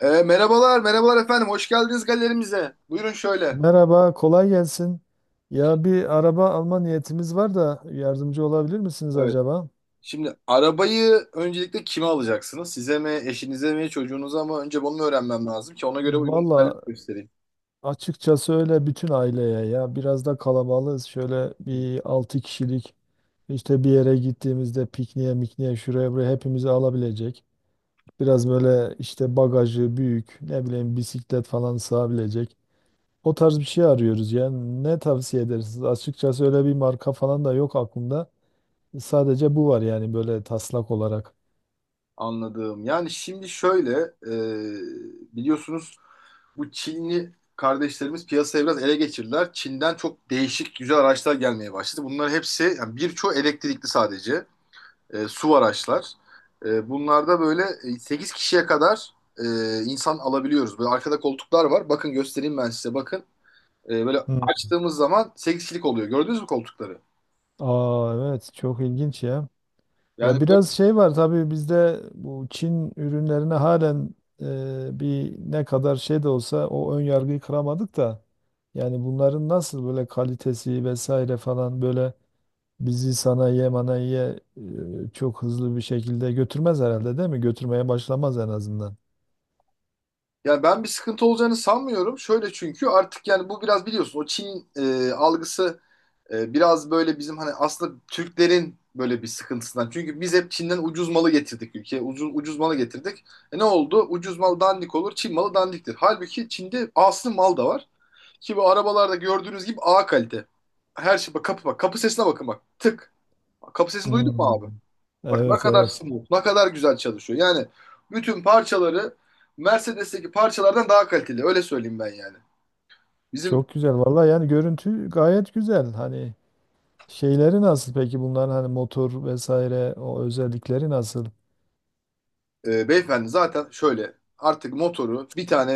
Merhabalar, merhabalar efendim. Hoş geldiniz galerimize. Buyurun şöyle. Merhaba, kolay gelsin. Ya bir araba alma niyetimiz var da yardımcı olabilir misiniz Evet. acaba? Şimdi arabayı öncelikle kime alacaksınız? Size mi, eşinize mi, çocuğunuza mı? Önce bunu öğrenmem lazım ki ona göre uygun Valla modeller göstereyim. açıkçası öyle bütün aileye ya biraz da kalabalığız. Şöyle bir 6 kişilik işte bir yere gittiğimizde pikniğe mikniğe şuraya buraya hepimizi alabilecek. Biraz böyle işte bagajı büyük ne bileyim bisiklet falan sığabilecek. O tarz bir şey arıyoruz yani ne tavsiye edersiniz? Açıkçası öyle bir marka falan da yok aklımda. Sadece bu var yani böyle taslak olarak. Anladım. Yani şimdi şöyle, biliyorsunuz bu Çinli kardeşlerimiz piyasayı biraz ele geçirdiler. Çin'den çok değişik güzel araçlar gelmeye başladı. Bunlar hepsi, yani birçoğu elektrikli sadece. Su araçlar. Bunlarda böyle 8 kişiye kadar insan alabiliyoruz. Böyle arkada koltuklar var. Bakın göstereyim ben size bakın. Böyle Hı. açtığımız zaman 8 kişilik oluyor. Gördünüz mü koltukları? Aa, evet, çok ilginç ya. Yani, Ya böyle- biraz şey var tabii bizde, bu Çin ürünlerine halen bir ne kadar şey de olsa o ön yargıyı kıramadık da. Yani bunların nasıl böyle kalitesi vesaire falan, böyle bizi sanayiye manayiye çok hızlı bir şekilde götürmez herhalde, değil mi? Götürmeye başlamaz en azından. yani ben bir sıkıntı olacağını sanmıyorum. Şöyle çünkü artık yani bu biraz biliyorsun o Çin algısı biraz böyle bizim hani aslında Türklerin böyle bir sıkıntısından. Çünkü biz hep Çin'den ucuz malı getirdik ülkeye. Ucuz, ucuz malı getirdik. E ne oldu? Ucuz mal dandik olur, Çin malı dandiktir. Halbuki Çin'de aslında mal da var. Ki bu arabalarda gördüğünüz gibi A kalite. Her şey bak kapı bak. Kapı sesine bakın bak. Tık. Kapı sesini duydun mu abi? Hmm. Bak ne Evet, kadar evet. smooth, ne kadar güzel çalışıyor. Yani bütün parçaları Mercedes'teki parçalardan daha kaliteli. Öyle söyleyeyim ben yani. Bizim Çok güzel. Vallahi yani görüntü gayet güzel. Hani şeyleri nasıl peki bunların, hani motor vesaire o özellikleri nasıl? Beyefendi zaten şöyle artık motoru bir tane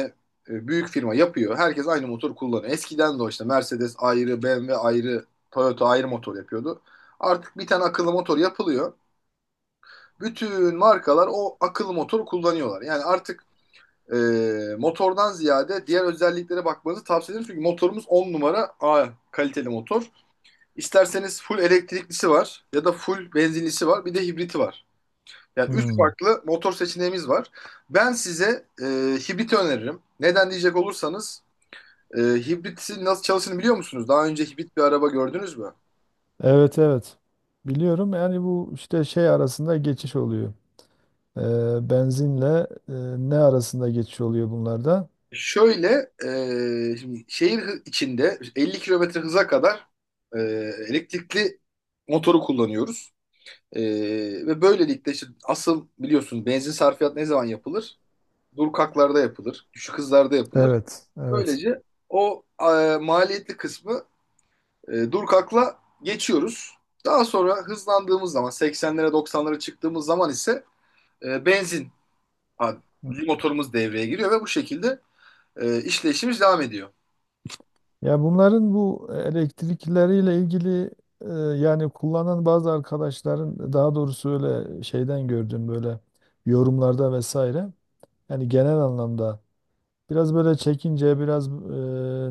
büyük firma yapıyor. Herkes aynı motor kullanıyor. Eskiden de o işte Mercedes ayrı, BMW ayrı, Toyota ayrı motor yapıyordu. Artık bir tane akıllı motor yapılıyor. Bütün markalar o akıllı motoru kullanıyorlar. Yani artık e, motordan ziyade diğer özelliklere bakmanızı tavsiye ederim. Çünkü motorumuz 10 numara A kaliteli motor. İsterseniz full elektriklisi var ya da full benzinlisi var bir de hibriti var. Yani 3 Hmm. farklı motor seçeneğimiz var. Ben size hibriti öneririm. Neden diyecek olursanız hibritin nasıl çalıştığını biliyor musunuz? Daha önce hibrit bir araba gördünüz mü? Evet, evet. Biliyorum yani, bu işte şey arasında geçiş oluyor. Benzinle e, ne arasında geçiş oluyor bunlarda? Şöyle şimdi şehir içinde 50 kilometre hıza kadar e, elektrikli motoru kullanıyoruz. Ee, ve böylelikle işte asıl biliyorsun benzin sarfiyatı ne zaman yapılır? Durkaklarda yapılır, düşük hızlarda yapılır. Evet, evet. Böylece o maliyetli kısmı durkakla geçiyoruz. Daha sonra hızlandığımız zaman 80'lere 90'lara çıktığımız zaman ise benzin adli motorumuz devreye giriyor ve bu şekilde işleyişimiz devam ediyor. Ya bunların bu elektrikleriyle ilgili e, yani kullanan bazı arkadaşların, daha doğrusu öyle şeyden gördüm, böyle yorumlarda vesaire. Yani genel anlamda biraz böyle çekince, biraz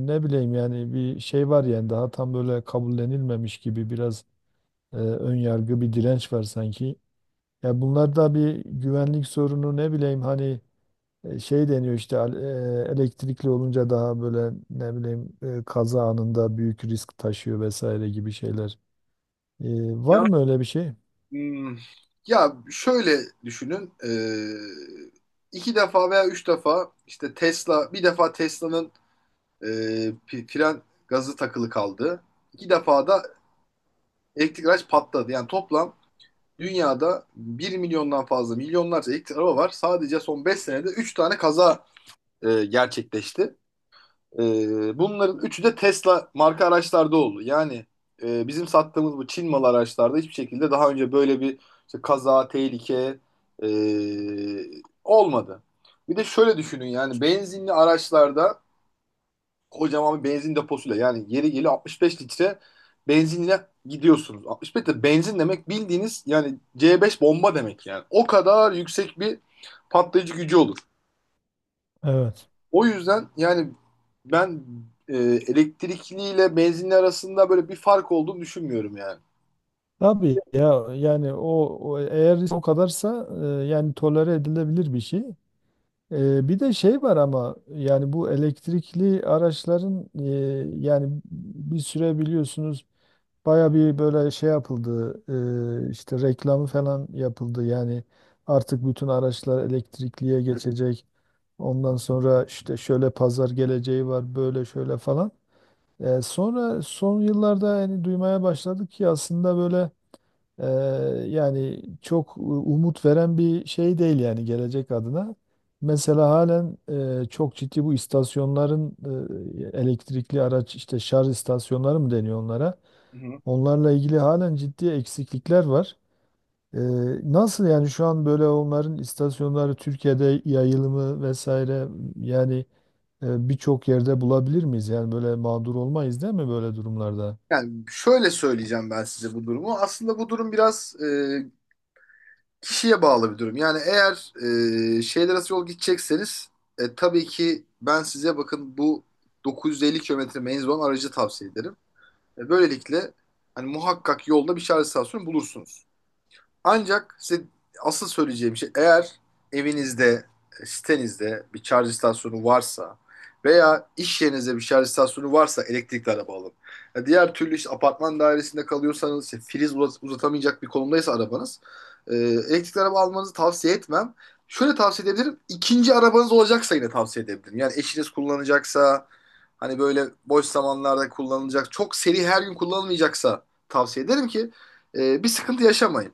ne bileyim yani, bir şey var yani, daha tam böyle kabullenilmemiş gibi biraz ön yargı, bir direnç var sanki. Ya bunlar da bir güvenlik sorunu, ne bileyim hani şey deniyor işte, elektrikli olunca daha böyle ne bileyim kaza anında büyük risk taşıyor vesaire gibi şeyler. E, Var Ya, mı öyle bir şey? hmm, ya şöyle düşünün. E, iki defa veya üç defa işte Tesla bir defa Tesla'nın fren gazı takılı kaldı. İki defa da elektrik araç patladı. Yani toplam dünyada bir milyondan fazla milyonlarca elektrik araba var. Sadece son 5 senede 3 tane kaza gerçekleşti. Bunların üçü de Tesla marka araçlarda oldu. Yani bizim sattığımız bu Çin malı araçlarda hiçbir şekilde daha önce böyle bir işte kaza, tehlike e, olmadı. Bir de şöyle düşünün yani benzinli araçlarda kocaman bir benzin deposuyla yani yeri geliyor 65 litre benzinle gidiyorsunuz. 65 litre benzin demek bildiğiniz yani C5 bomba demek yani. O kadar yüksek bir patlayıcı gücü olur. Evet. O yüzden yani ben elektrikliyle benzinli arasında böyle bir fark olduğunu düşünmüyorum yani. Tabii ya, yani o, o eğer o kadarsa yani tolere edilebilir bir şey. Bir de şey var ama yani, bu elektrikli araçların yani bir süre biliyorsunuz baya bir böyle şey yapıldı, işte reklamı falan yapıldı yani, artık bütün araçlar elektrikliye geçecek, ondan sonra işte şöyle pazar geleceği var böyle şöyle falan. Sonra son yıllarda yani duymaya başladık ki aslında böyle ee, yani çok umut veren bir şey değil yani gelecek adına. Mesela halen çok ciddi bu istasyonların, elektrikli araç işte şarj istasyonları mı deniyor onlara? Hı hı. Onlarla ilgili halen ciddi eksiklikler var. Ee, Nasıl yani şu an böyle onların istasyonları Türkiye'de yayılımı vesaire, yani birçok yerde bulabilir miyiz? Yani böyle mağdur olmayız değil mi böyle durumlarda? Yani şöyle söyleyeceğim ben size bu durumu. Aslında bu durum biraz kişiye bağlı bir durum. Yani eğer şehirler arası yol gidecekseniz tabii ki ben size bakın bu 950 kilometre menzil olan aracı tavsiye ederim. Böylelikle hani muhakkak yolda bir şarj istasyonu bulursunuz. Ancak size asıl söyleyeceğim şey eğer evinizde, sitenizde bir şarj istasyonu varsa veya iş yerinizde bir şarj istasyonu varsa elektrikli araba alın. Ya diğer türlü işte apartman dairesinde kalıyorsanız, işte priz uzatamayacak bir konumdaysa arabanız elektrikli araba almanızı tavsiye etmem. Şöyle tavsiye edebilirim. İkinci arabanız olacaksa yine tavsiye edebilirim. Yani eşiniz kullanacaksa, hani böyle boş zamanlarda kullanılacak, çok seri her gün kullanılmayacaksa tavsiye ederim ki bir sıkıntı yaşamayın.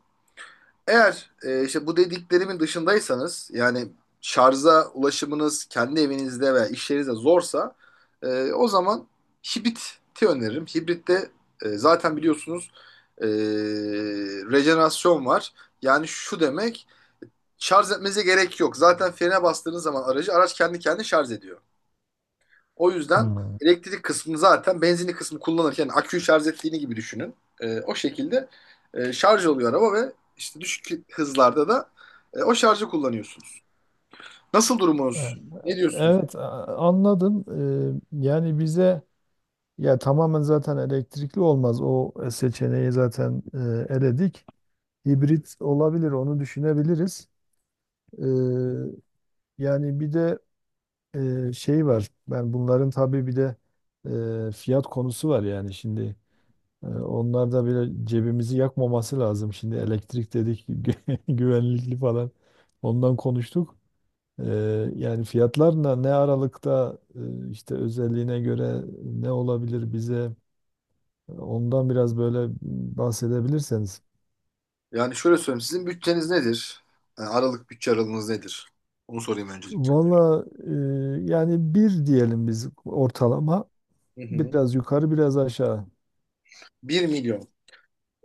Eğer işte bu dediklerimin dışındaysanız yani şarja ulaşımınız kendi evinizde veya iş yerinizde zorsa o zaman hibriti öneririm. Hibritte zaten biliyorsunuz e, rejenerasyon var. Yani şu demek şarj etmenize gerek yok. Zaten frene bastığınız zaman aracı araç kendi kendine şarj ediyor. O yüzden Hmm. elektrik kısmını zaten benzinli kısmı kullanırken aküyü şarj ettiğini gibi düşünün. O şekilde şarj oluyor araba ve işte düşük hızlarda da o şarjı kullanıyorsunuz. Nasıl Ha, durumunuz? Ne diyorsunuz? evet, anladım. Yani bize ya tamamen zaten elektrikli olmaz. O seçeneği zaten eledik. Hibrit olabilir, onu düşünebiliriz. Ee, Yani bir de şey var. Ben bunların tabii bir de fiyat konusu var yani şimdi. E, onlar da bile cebimizi yakmaması lazım. Şimdi elektrik dedik güvenlikli falan. Ondan konuştuk. Yani fiyatlarla ne aralıkta, işte özelliğine göre ne olabilir, bize ondan biraz böyle bahsedebilirseniz. Yani şöyle söyleyeyim sizin bütçeniz nedir? Yani aralık bütçe aralığınız nedir? Onu sorayım öncelikle. Valla yani bir diyelim biz ortalama, Hı hı. biraz yukarı biraz aşağı. 1 milyon.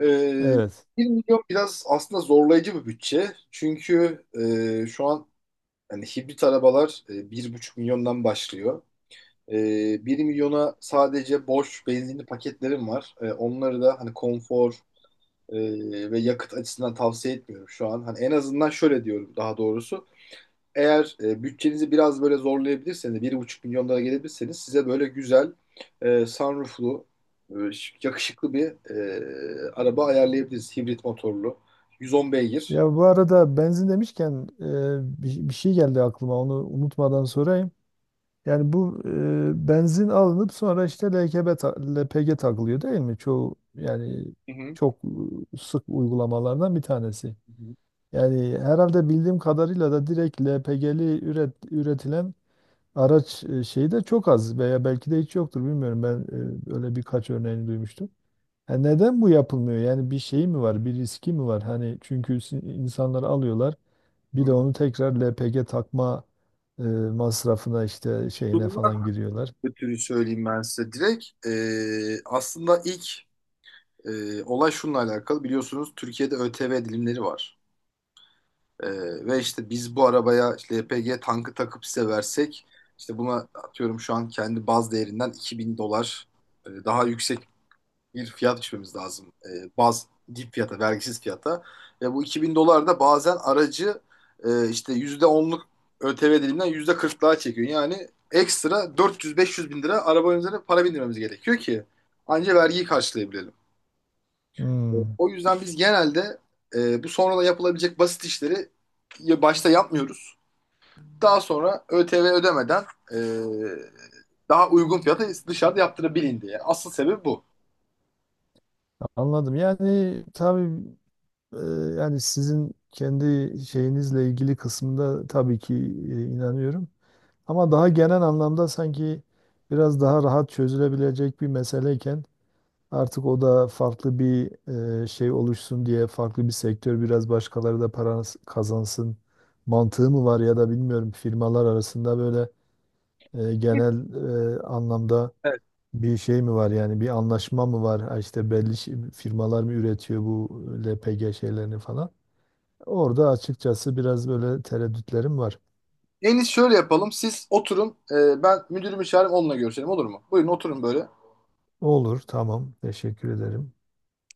Ee, Evet. 1 milyon biraz aslında zorlayıcı bir bütçe. Çünkü şu an yani hibrit arabalar 1,5 milyondan başlıyor. 1 milyona sadece boş benzinli paketlerim var. Onları da hani konfor ve yakıt açısından tavsiye etmiyorum şu an. Hani en azından şöyle diyorum daha doğrusu. Eğer bütçenizi biraz böyle zorlayabilirseniz, 1,5 milyon dolara gelebilirseniz size böyle güzel sunrooflu, e, yakışıklı bir araba ayarlayabiliriz. Hibrit motorlu. 110 beygir. Ya bu arada benzin demişken bir şey geldi aklıma, onu unutmadan sorayım. Yani bu benzin alınıp sonra işte LPG takılıyor değil mi? Çoğu yani Hı hı. çok sık uygulamalardan bir tanesi. Hı hı. Yani herhalde bildiğim kadarıyla da direkt LPG'li üretilen araç şeyi de çok az veya belki de hiç yoktur, bilmiyorum. Ben öyle birkaç örneğini duymuştum. E neden bu yapılmıyor? Yani bir şey mi var, bir riski mi var? Hani çünkü insanları alıyorlar, bir de Hı. onu tekrar LPG takma masrafına işte şeyine Bunlar falan giriyorlar. ötürü söyleyeyim ben size direkt. Aslında ilk olay şununla alakalı biliyorsunuz Türkiye'de ÖTV dilimleri var. Ee, ve işte biz bu arabaya işte LPG tankı takıp size versek işte buna atıyorum şu an kendi baz değerinden 2000 dolar daha yüksek bir fiyat biçmemiz lazım. Baz dip fiyata, vergisiz fiyata. Ve bu 2000 dolar da bazen aracı işte yüzde onluk ÖTV diliminden %40'lığa çekiyor. Yani ekstra 400-500 bin lira arabanın üzerine para bindirmemiz gerekiyor ki ancak vergiyi karşılayabilelim. Hmm, O yüzden biz genelde bu sonradan yapılabilecek basit işleri ya başta yapmıyoruz. Daha sonra ÖTV ödemeden e, daha uygun fiyata dışarıda yaptırabilin diye. Asıl sebebi bu. Anladım. Yani tabii e, yani sizin kendi şeyinizle ilgili kısmında tabii ki inanıyorum. Ama daha genel anlamda sanki biraz daha rahat çözülebilecek bir meseleyken, artık o da farklı bir şey oluşsun diye, farklı bir sektör biraz başkaları da para kazansın mantığı mı var, ya da bilmiyorum firmalar arasında böyle genel anlamda bir şey mi var, yani bir anlaşma mı var? Ha, işte belli firmalar mı üretiyor bu LPG şeylerini falan? Orada açıkçası biraz böyle tereddütlerim var. En iyisi şöyle yapalım. Siz oturun. Ben müdürümü çağırayım onunla görüşelim olur mu? Buyurun oturun böyle. Olur, tamam, teşekkür ederim.